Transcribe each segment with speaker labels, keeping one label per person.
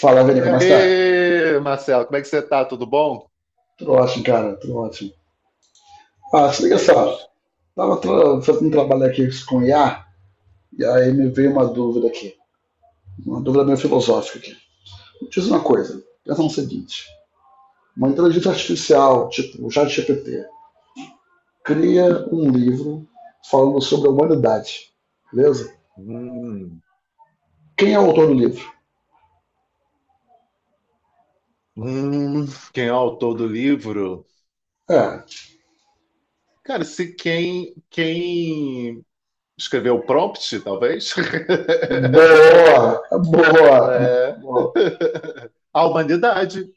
Speaker 1: Fala, velho,
Speaker 2: E
Speaker 1: como está?
Speaker 2: aí, Marcelo, como é que você tá? Tudo bom?
Speaker 1: Tudo ótimo, cara, tudo ótimo. Ah,
Speaker 2: Graças
Speaker 1: se
Speaker 2: a
Speaker 1: liga só,
Speaker 2: Deus.
Speaker 1: tava fazendo um trabalho aqui com IA, e aí me veio uma dúvida aqui, uma dúvida meio filosófica aqui. Diz uma coisa, pensa no seguinte, uma inteligência artificial, tipo o ChatGPT, cria um livro falando sobre a humanidade, beleza?
Speaker 2: Hum,
Speaker 1: Quem é o autor do livro?
Speaker 2: hum, quem é o autor do livro?
Speaker 1: É,
Speaker 2: Cara, se quem, quem escreveu o prompt, talvez,
Speaker 1: boa, boa,
Speaker 2: é
Speaker 1: boa,
Speaker 2: a humanidade.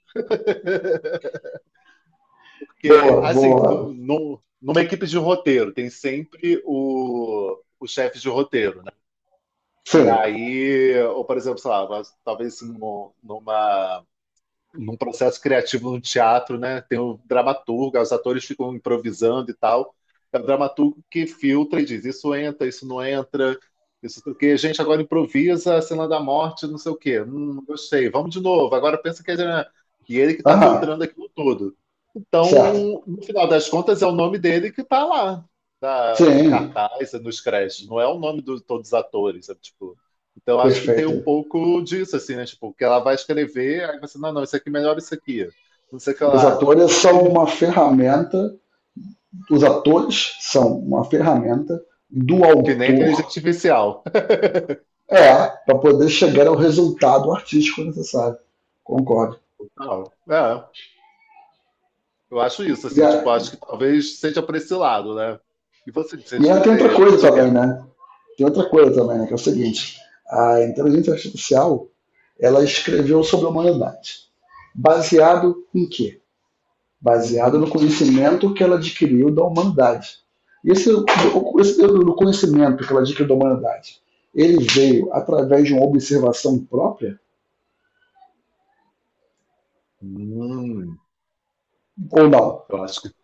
Speaker 2: Porque,
Speaker 1: boa,
Speaker 2: assim,
Speaker 1: boa.
Speaker 2: numa equipe de roteiro, tem sempre o chefe de roteiro, né? E
Speaker 1: Sim,
Speaker 2: aí, ou por exemplo, sei lá, mas talvez num processo criativo no teatro, né? Tem o dramaturgo, os atores ficam improvisando e tal. É o dramaturgo que filtra e diz: isso entra, isso não entra, isso porque a gente agora improvisa a cena da morte, não sei o quê. Não gostei, vamos de novo. Agora pensa que é. E ele que está
Speaker 1: aham,
Speaker 2: filtrando aquilo tudo.
Speaker 1: certo.
Speaker 2: Então, no final das contas, é o nome dele que está lá, tá no
Speaker 1: Sim,
Speaker 2: cartaz, nos créditos. Não é o nome de todos os atores. É, tipo, então, acho que tem um
Speaker 1: perfeito.
Speaker 2: pouco disso, assim, né? Tipo, que ela vai escrever, aí você, não, não, isso aqui é melhor isso aqui. Não sei o que
Speaker 1: Os
Speaker 2: lá.
Speaker 1: atores são uma ferramenta, os atores são uma ferramenta do
Speaker 2: Que nem inteligência
Speaker 1: autor,
Speaker 2: artificial.
Speaker 1: é, para poder chegar ao resultado artístico necessário. Concordo.
Speaker 2: Não, é, eu acho isso,
Speaker 1: E,
Speaker 2: assim,
Speaker 1: a,
Speaker 2: tipo, acho que talvez seja para esse lado, né? E
Speaker 1: e aí tem outra
Speaker 2: você
Speaker 1: coisa
Speaker 2: pensa o quê?
Speaker 1: também, né? Tem outra coisa também, né? Que é o seguinte: a inteligência artificial ela escreveu sobre a humanidade. Baseado em quê? Baseada no
Speaker 2: Uhum.
Speaker 1: conhecimento que ela adquiriu da humanidade. Esse, esse no conhecimento que ela adquiriu da humanidade, ele veio através de uma observação própria
Speaker 2: Hum,
Speaker 1: ou não?
Speaker 2: eu acho que,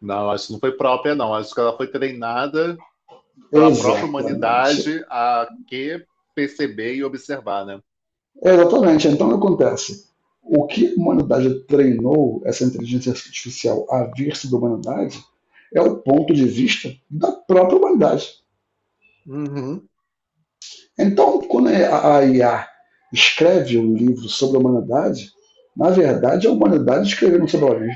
Speaker 2: não, acho que não foi própria, não. Acho que ela foi treinada pela própria
Speaker 1: Exatamente.
Speaker 2: humanidade a que perceber e observar, né?
Speaker 1: Exatamente. Então, o que acontece? O que a humanidade treinou essa inteligência artificial a vir-se da humanidade é o ponto de vista da própria humanidade.
Speaker 2: Uhum.
Speaker 1: Então, quando é a IA escreve um livro sobre a humanidade, na verdade, a humanidade escrevendo sobre ela mesma,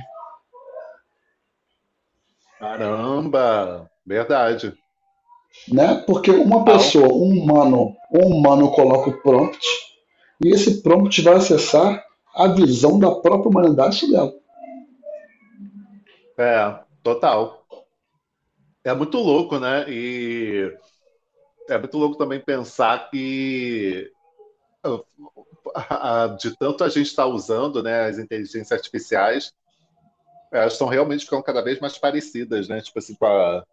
Speaker 2: Caramba, verdade.
Speaker 1: né? Porque uma
Speaker 2: Au.
Speaker 1: pessoa, um humano, coloca o prompt e esse prompt vai acessar a visão da própria humanidade sobre ela.
Speaker 2: É, total. É muito louco, né? E é muito louco também pensar que de tanto a gente está usando, né, as inteligências artificiais, elas estão realmente ficando cada vez mais parecidas, né? Tipo assim,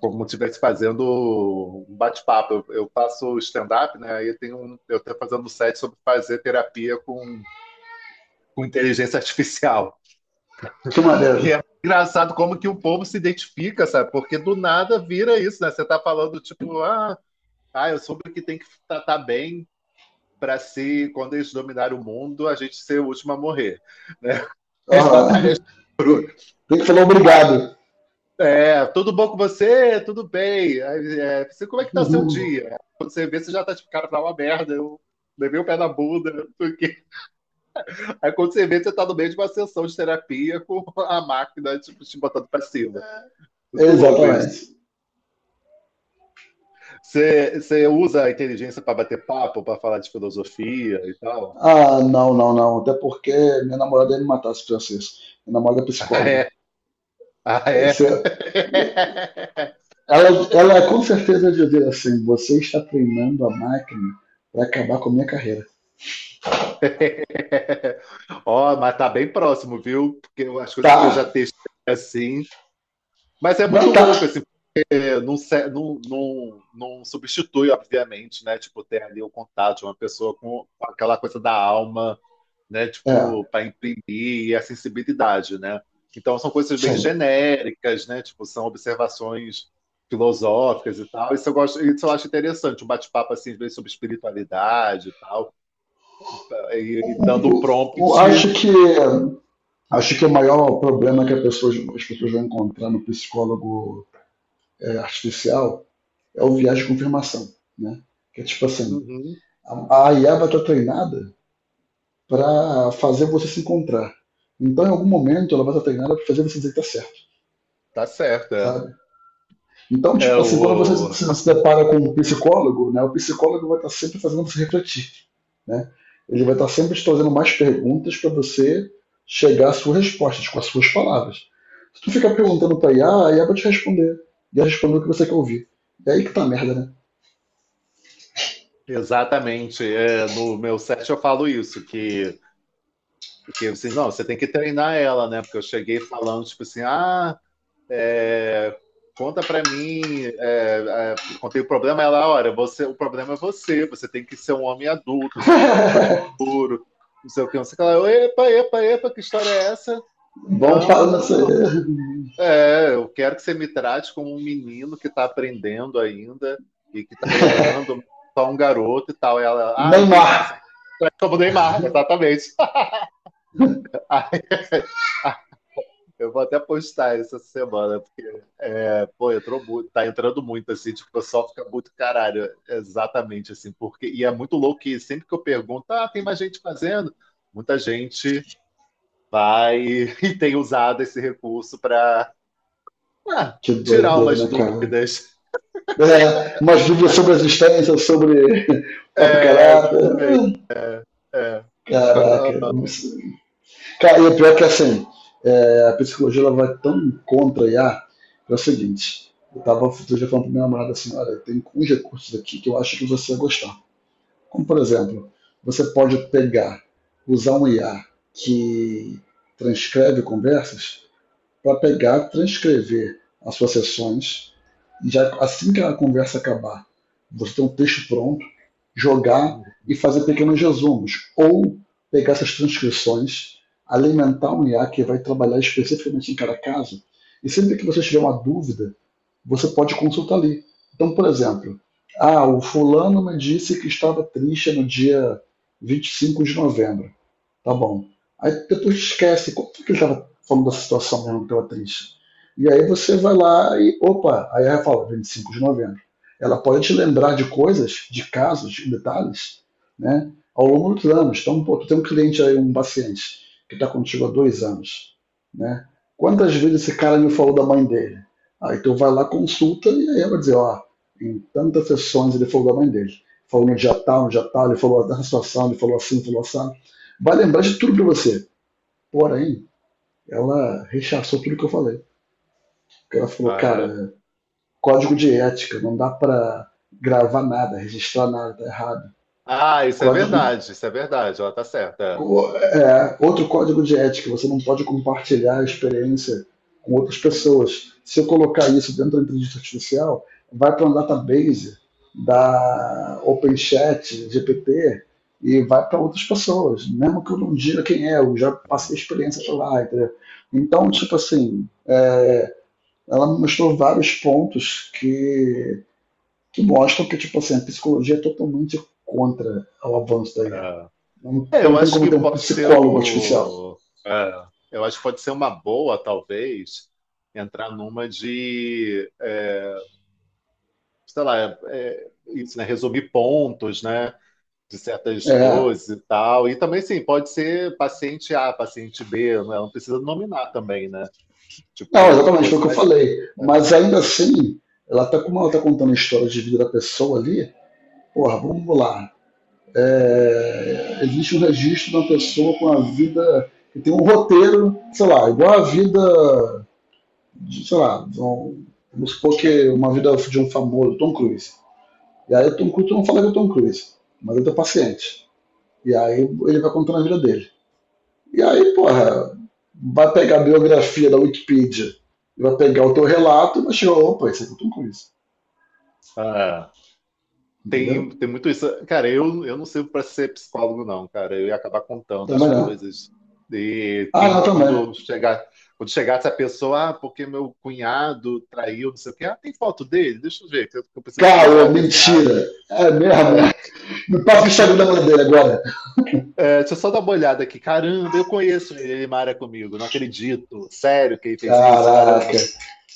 Speaker 2: como se estivesse fazendo um bate-papo. Eu faço stand-up, né? Aí tem um, eu estou fazendo um set sobre fazer terapia com inteligência artificial.
Speaker 1: Que maneiro.
Speaker 2: E é engraçado como que o povo se identifica, sabe? Porque do nada vira isso, né? Você tá falando, tipo, ah, eu soube que tem que tratar bem para se, quando eles dominarem o mundo, a gente ser o último a morrer, né? As batalhas
Speaker 1: Uhum.
Speaker 2: por
Speaker 1: Tem,
Speaker 2: último.
Speaker 1: tem que falar obrigado.
Speaker 2: É, tudo bom com você? Tudo bem. Aí, é, você, como é que tá seu
Speaker 1: Uhum.
Speaker 2: dia? Quando você vê, você já tá tipo, cara, tá uma merda, eu levei o pé na bunda. Não sei o quê. Aí quando você vê, você tá no meio de uma sessão de terapia com a máquina, tipo, te botando pra cima. Muito louco isso.
Speaker 1: Exatamente.
Speaker 2: Você usa a inteligência para bater papo, para falar de filosofia e tal?
Speaker 1: Ah, não, não, não. Até porque minha namorada ia me matar se fizesse isso. Minha namorada é psicóloga.
Speaker 2: Ah, é?
Speaker 1: Se, Ela com certeza dizer assim: você está treinando a máquina para acabar com a minha carreira.
Speaker 2: Ó, mas tá bem próximo, viu? Porque as
Speaker 1: Tá?
Speaker 2: coisas que eu já testei assim. Mas é muito
Speaker 1: Não tá.
Speaker 2: louco, assim, porque não, não, não substitui, obviamente, né? Tipo, ter ali o contato de uma pessoa com aquela coisa da alma, né?
Speaker 1: É,
Speaker 2: Tipo, para imprimir e a sensibilidade, né? Então, são coisas bem
Speaker 1: sim.
Speaker 2: genéricas, né? Tipo, são observações filosóficas e tal. Isso eu gosto, isso eu acho interessante, um bate-papo, assim, às vezes, sobre espiritualidade e tal. Aí dando um
Speaker 1: O- o-
Speaker 2: prompt.
Speaker 1: acho que acho que o maior problema que as pessoas vão encontrar no psicólogo, artificial, é o viés de confirmação, né? Que é tipo assim,
Speaker 2: Uhum,
Speaker 1: a IA vai estar treinada para fazer você se encontrar. Então, em algum momento, ela vai estar treinada para fazer você dizer que tá certo,
Speaker 2: tá certo, é.
Speaker 1: sabe? Então,
Speaker 2: É
Speaker 1: tipo assim, quando você
Speaker 2: o,
Speaker 1: se depara com um psicólogo, né, o psicólogo vai estar sempre fazendo você refletir, né? Ele vai estar sempre te trazendo mais perguntas para você chegar às suas respostas, com as suas palavras. Se tu ficar perguntando para IA, a IA vai te responder. E ela responder o que você quer ouvir. É aí que tá a merda, né?
Speaker 2: exatamente, é, no meu set eu falo isso, que vocês, não, você tem que treinar ela, né? Porque eu cheguei falando, tipo assim, ah, é, conta pra mim, contei o problema, ela, olha, você, o problema é você, você tem que ser um homem adulto, você tem que ficar mais puro, não sei o que, não sei o que, ela, epa, epa, epa, que história é essa?
Speaker 1: Vamos
Speaker 2: Não, não,
Speaker 1: para
Speaker 2: não, não,
Speaker 1: nessa...
Speaker 2: não. É, eu quero que você me trate como um menino que está aprendendo ainda e que está errando, só um garoto e tal.
Speaker 1: O
Speaker 2: Ela, ah, entendi, você
Speaker 1: Neymar.
Speaker 2: é como o Neymar, exatamente. Aí, ah, eu vou até postar essa semana, porque, pô, entrou muito, tá entrando muito, assim, tipo, o pessoal fica muito caralho, exatamente, assim, porque, e é muito louco que sempre que eu pergunto, ah, tem mais gente fazendo? Muita gente vai e tem usado esse recurso para
Speaker 1: Que
Speaker 2: tirar
Speaker 1: doideira,
Speaker 2: umas
Speaker 1: né, cara?
Speaker 2: dúvidas.
Speaker 1: É, umas dúvidas sobre a existência, sobre o próprio
Speaker 2: É,
Speaker 1: caráter.
Speaker 2: exatamente. É.
Speaker 1: Caraca. Cara, e o pior é que assim, a psicologia ela vai tão contra a IA, que é o seguinte, eu tava outro dia falando pra minha namorada assim, olha, tem uns recursos aqui que eu acho que você vai gostar. Como por exemplo, você pode pegar, usar um IA que transcreve conversas para pegar, transcrever as suas sessões e já assim que a conversa acabar, você ter um texto pronto, jogar e fazer pequenos resumos ou pegar essas transcrições, alimentar um IA que vai trabalhar especificamente em cada caso e sempre que você tiver uma dúvida, você pode consultar ali. Então, por exemplo, ah, o fulano me disse que estava triste no dia 25 de novembro. Tá bom. Aí depois esquece, como é que ele estava falando da situação mesmo que tava triste? E aí você vai lá e, opa, aí ela fala, 25 de novembro. Ela pode te lembrar de coisas, de casos, de detalhes, né, ao longo dos anos. Então, pô, tu tem um cliente aí, um paciente, que está contigo há 2 anos, né? Quantas vezes esse cara me falou da mãe dele? Aí tu vai lá, consulta, e aí ela vai dizer, ó, em tantas sessões ele falou da mãe dele. Falou no dia tal, no dia tal, ele falou dessa situação, ele falou assim, falou assim, vai lembrar de tudo para você. Porém, ela rechaçou tudo que eu falei. Ela falou,
Speaker 2: Ah, é?
Speaker 1: cara, código de ética, não dá para gravar nada, registrar nada, tá errado.
Speaker 2: Ah,
Speaker 1: Código
Speaker 2: isso é verdade, ela tá certa.
Speaker 1: outro código de ética, você não pode compartilhar a experiência com outras pessoas. Se eu colocar isso dentro da inteligência artificial, vai para um database da OpenChat, GPT, e vai para outras pessoas. Mesmo que eu não diga quem é, eu já passei a
Speaker 2: É,
Speaker 1: experiência para lá, entendeu? Então, tipo assim, ela me mostrou vários pontos que mostram que, tipo assim, a psicologia é totalmente contra o avanço da IA. Não,
Speaker 2: é. É, eu
Speaker 1: não tem
Speaker 2: acho
Speaker 1: como
Speaker 2: que
Speaker 1: ter um
Speaker 2: pode ser
Speaker 1: psicólogo artificial.
Speaker 2: o. é, Eu acho que pode ser uma boa, talvez, entrar numa de, é, sei lá, isso, né? Resumir pontos, né? De certas
Speaker 1: É,
Speaker 2: coisas e tal. E também, sim, pode ser paciente A, paciente B, não, é? Não precisa nominar também, né?
Speaker 1: não,
Speaker 2: Tipo,
Speaker 1: exatamente, foi o
Speaker 2: coisa,
Speaker 1: que eu
Speaker 2: mas.
Speaker 1: falei.
Speaker 2: É,
Speaker 1: Mas ainda assim, como ela tá contando a história de vida da pessoa ali, porra, vamos lá. É, existe um registro de uma pessoa com a vida que tem um roteiro, sei lá, igual a vida, de, sei lá, de um, vamos supor que uma vida de um famoso, Tom Cruise. E aí o Tom Cruise, eu não falo que é o Tom Cruise, mas ele é paciente. E aí ele vai contando a vida dele. E aí, porra, vai pegar a biografia da Wikipedia, vai pegar o teu relato e vai chegar, opa, isso aqui eu tô com isso.
Speaker 2: é.
Speaker 1: Entendeu?
Speaker 2: Tem muito isso. Cara, eu não sirvo para ser psicólogo, não, cara. Eu ia acabar contando as
Speaker 1: Também não.
Speaker 2: coisas. E
Speaker 1: Ah, não,
Speaker 2: quem,
Speaker 1: também.
Speaker 2: quando chegar, quando chegasse a pessoa, ah, porque meu cunhado traiu, não sei o quê. Ah, tem foto dele? Deixa eu ver, que eu preciso
Speaker 1: Caô,
Speaker 2: visualizar.
Speaker 1: mentira. É mesmo, né?
Speaker 2: É,
Speaker 1: Me passa o Instagram da mulher dele agora.
Speaker 2: é, deixa eu só dar uma olhada aqui. Caramba, eu conheço ele, ele mara comigo. Não acredito. Sério que ele fez isso? Caramba.
Speaker 1: Caraca,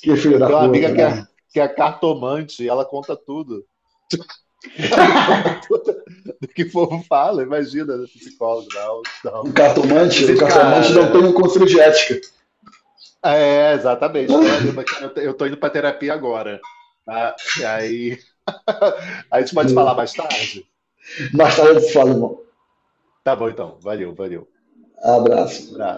Speaker 1: que filho
Speaker 2: Eu
Speaker 1: da
Speaker 2: tenho uma amiga
Speaker 1: puta, né?
Speaker 2: que é cartomante, e ela conta tudo. Ela me conta tudo do que o povo fala. Imagina, psicólogo, não,
Speaker 1: O
Speaker 2: não.
Speaker 1: cartomante, o
Speaker 2: Inclusive,
Speaker 1: cartomante não tem
Speaker 2: cara,
Speaker 1: um conselho de ética.
Speaker 2: é, exatamente, Camarimba, cara, eu tô indo pra terapia agora. Tá? E aí, a gente pode falar mais tarde?
Speaker 1: Mais tarde eu te falo, irmão.
Speaker 2: Tá bom, então. Valeu, valeu.
Speaker 1: Abraço.
Speaker 2: Um abraço.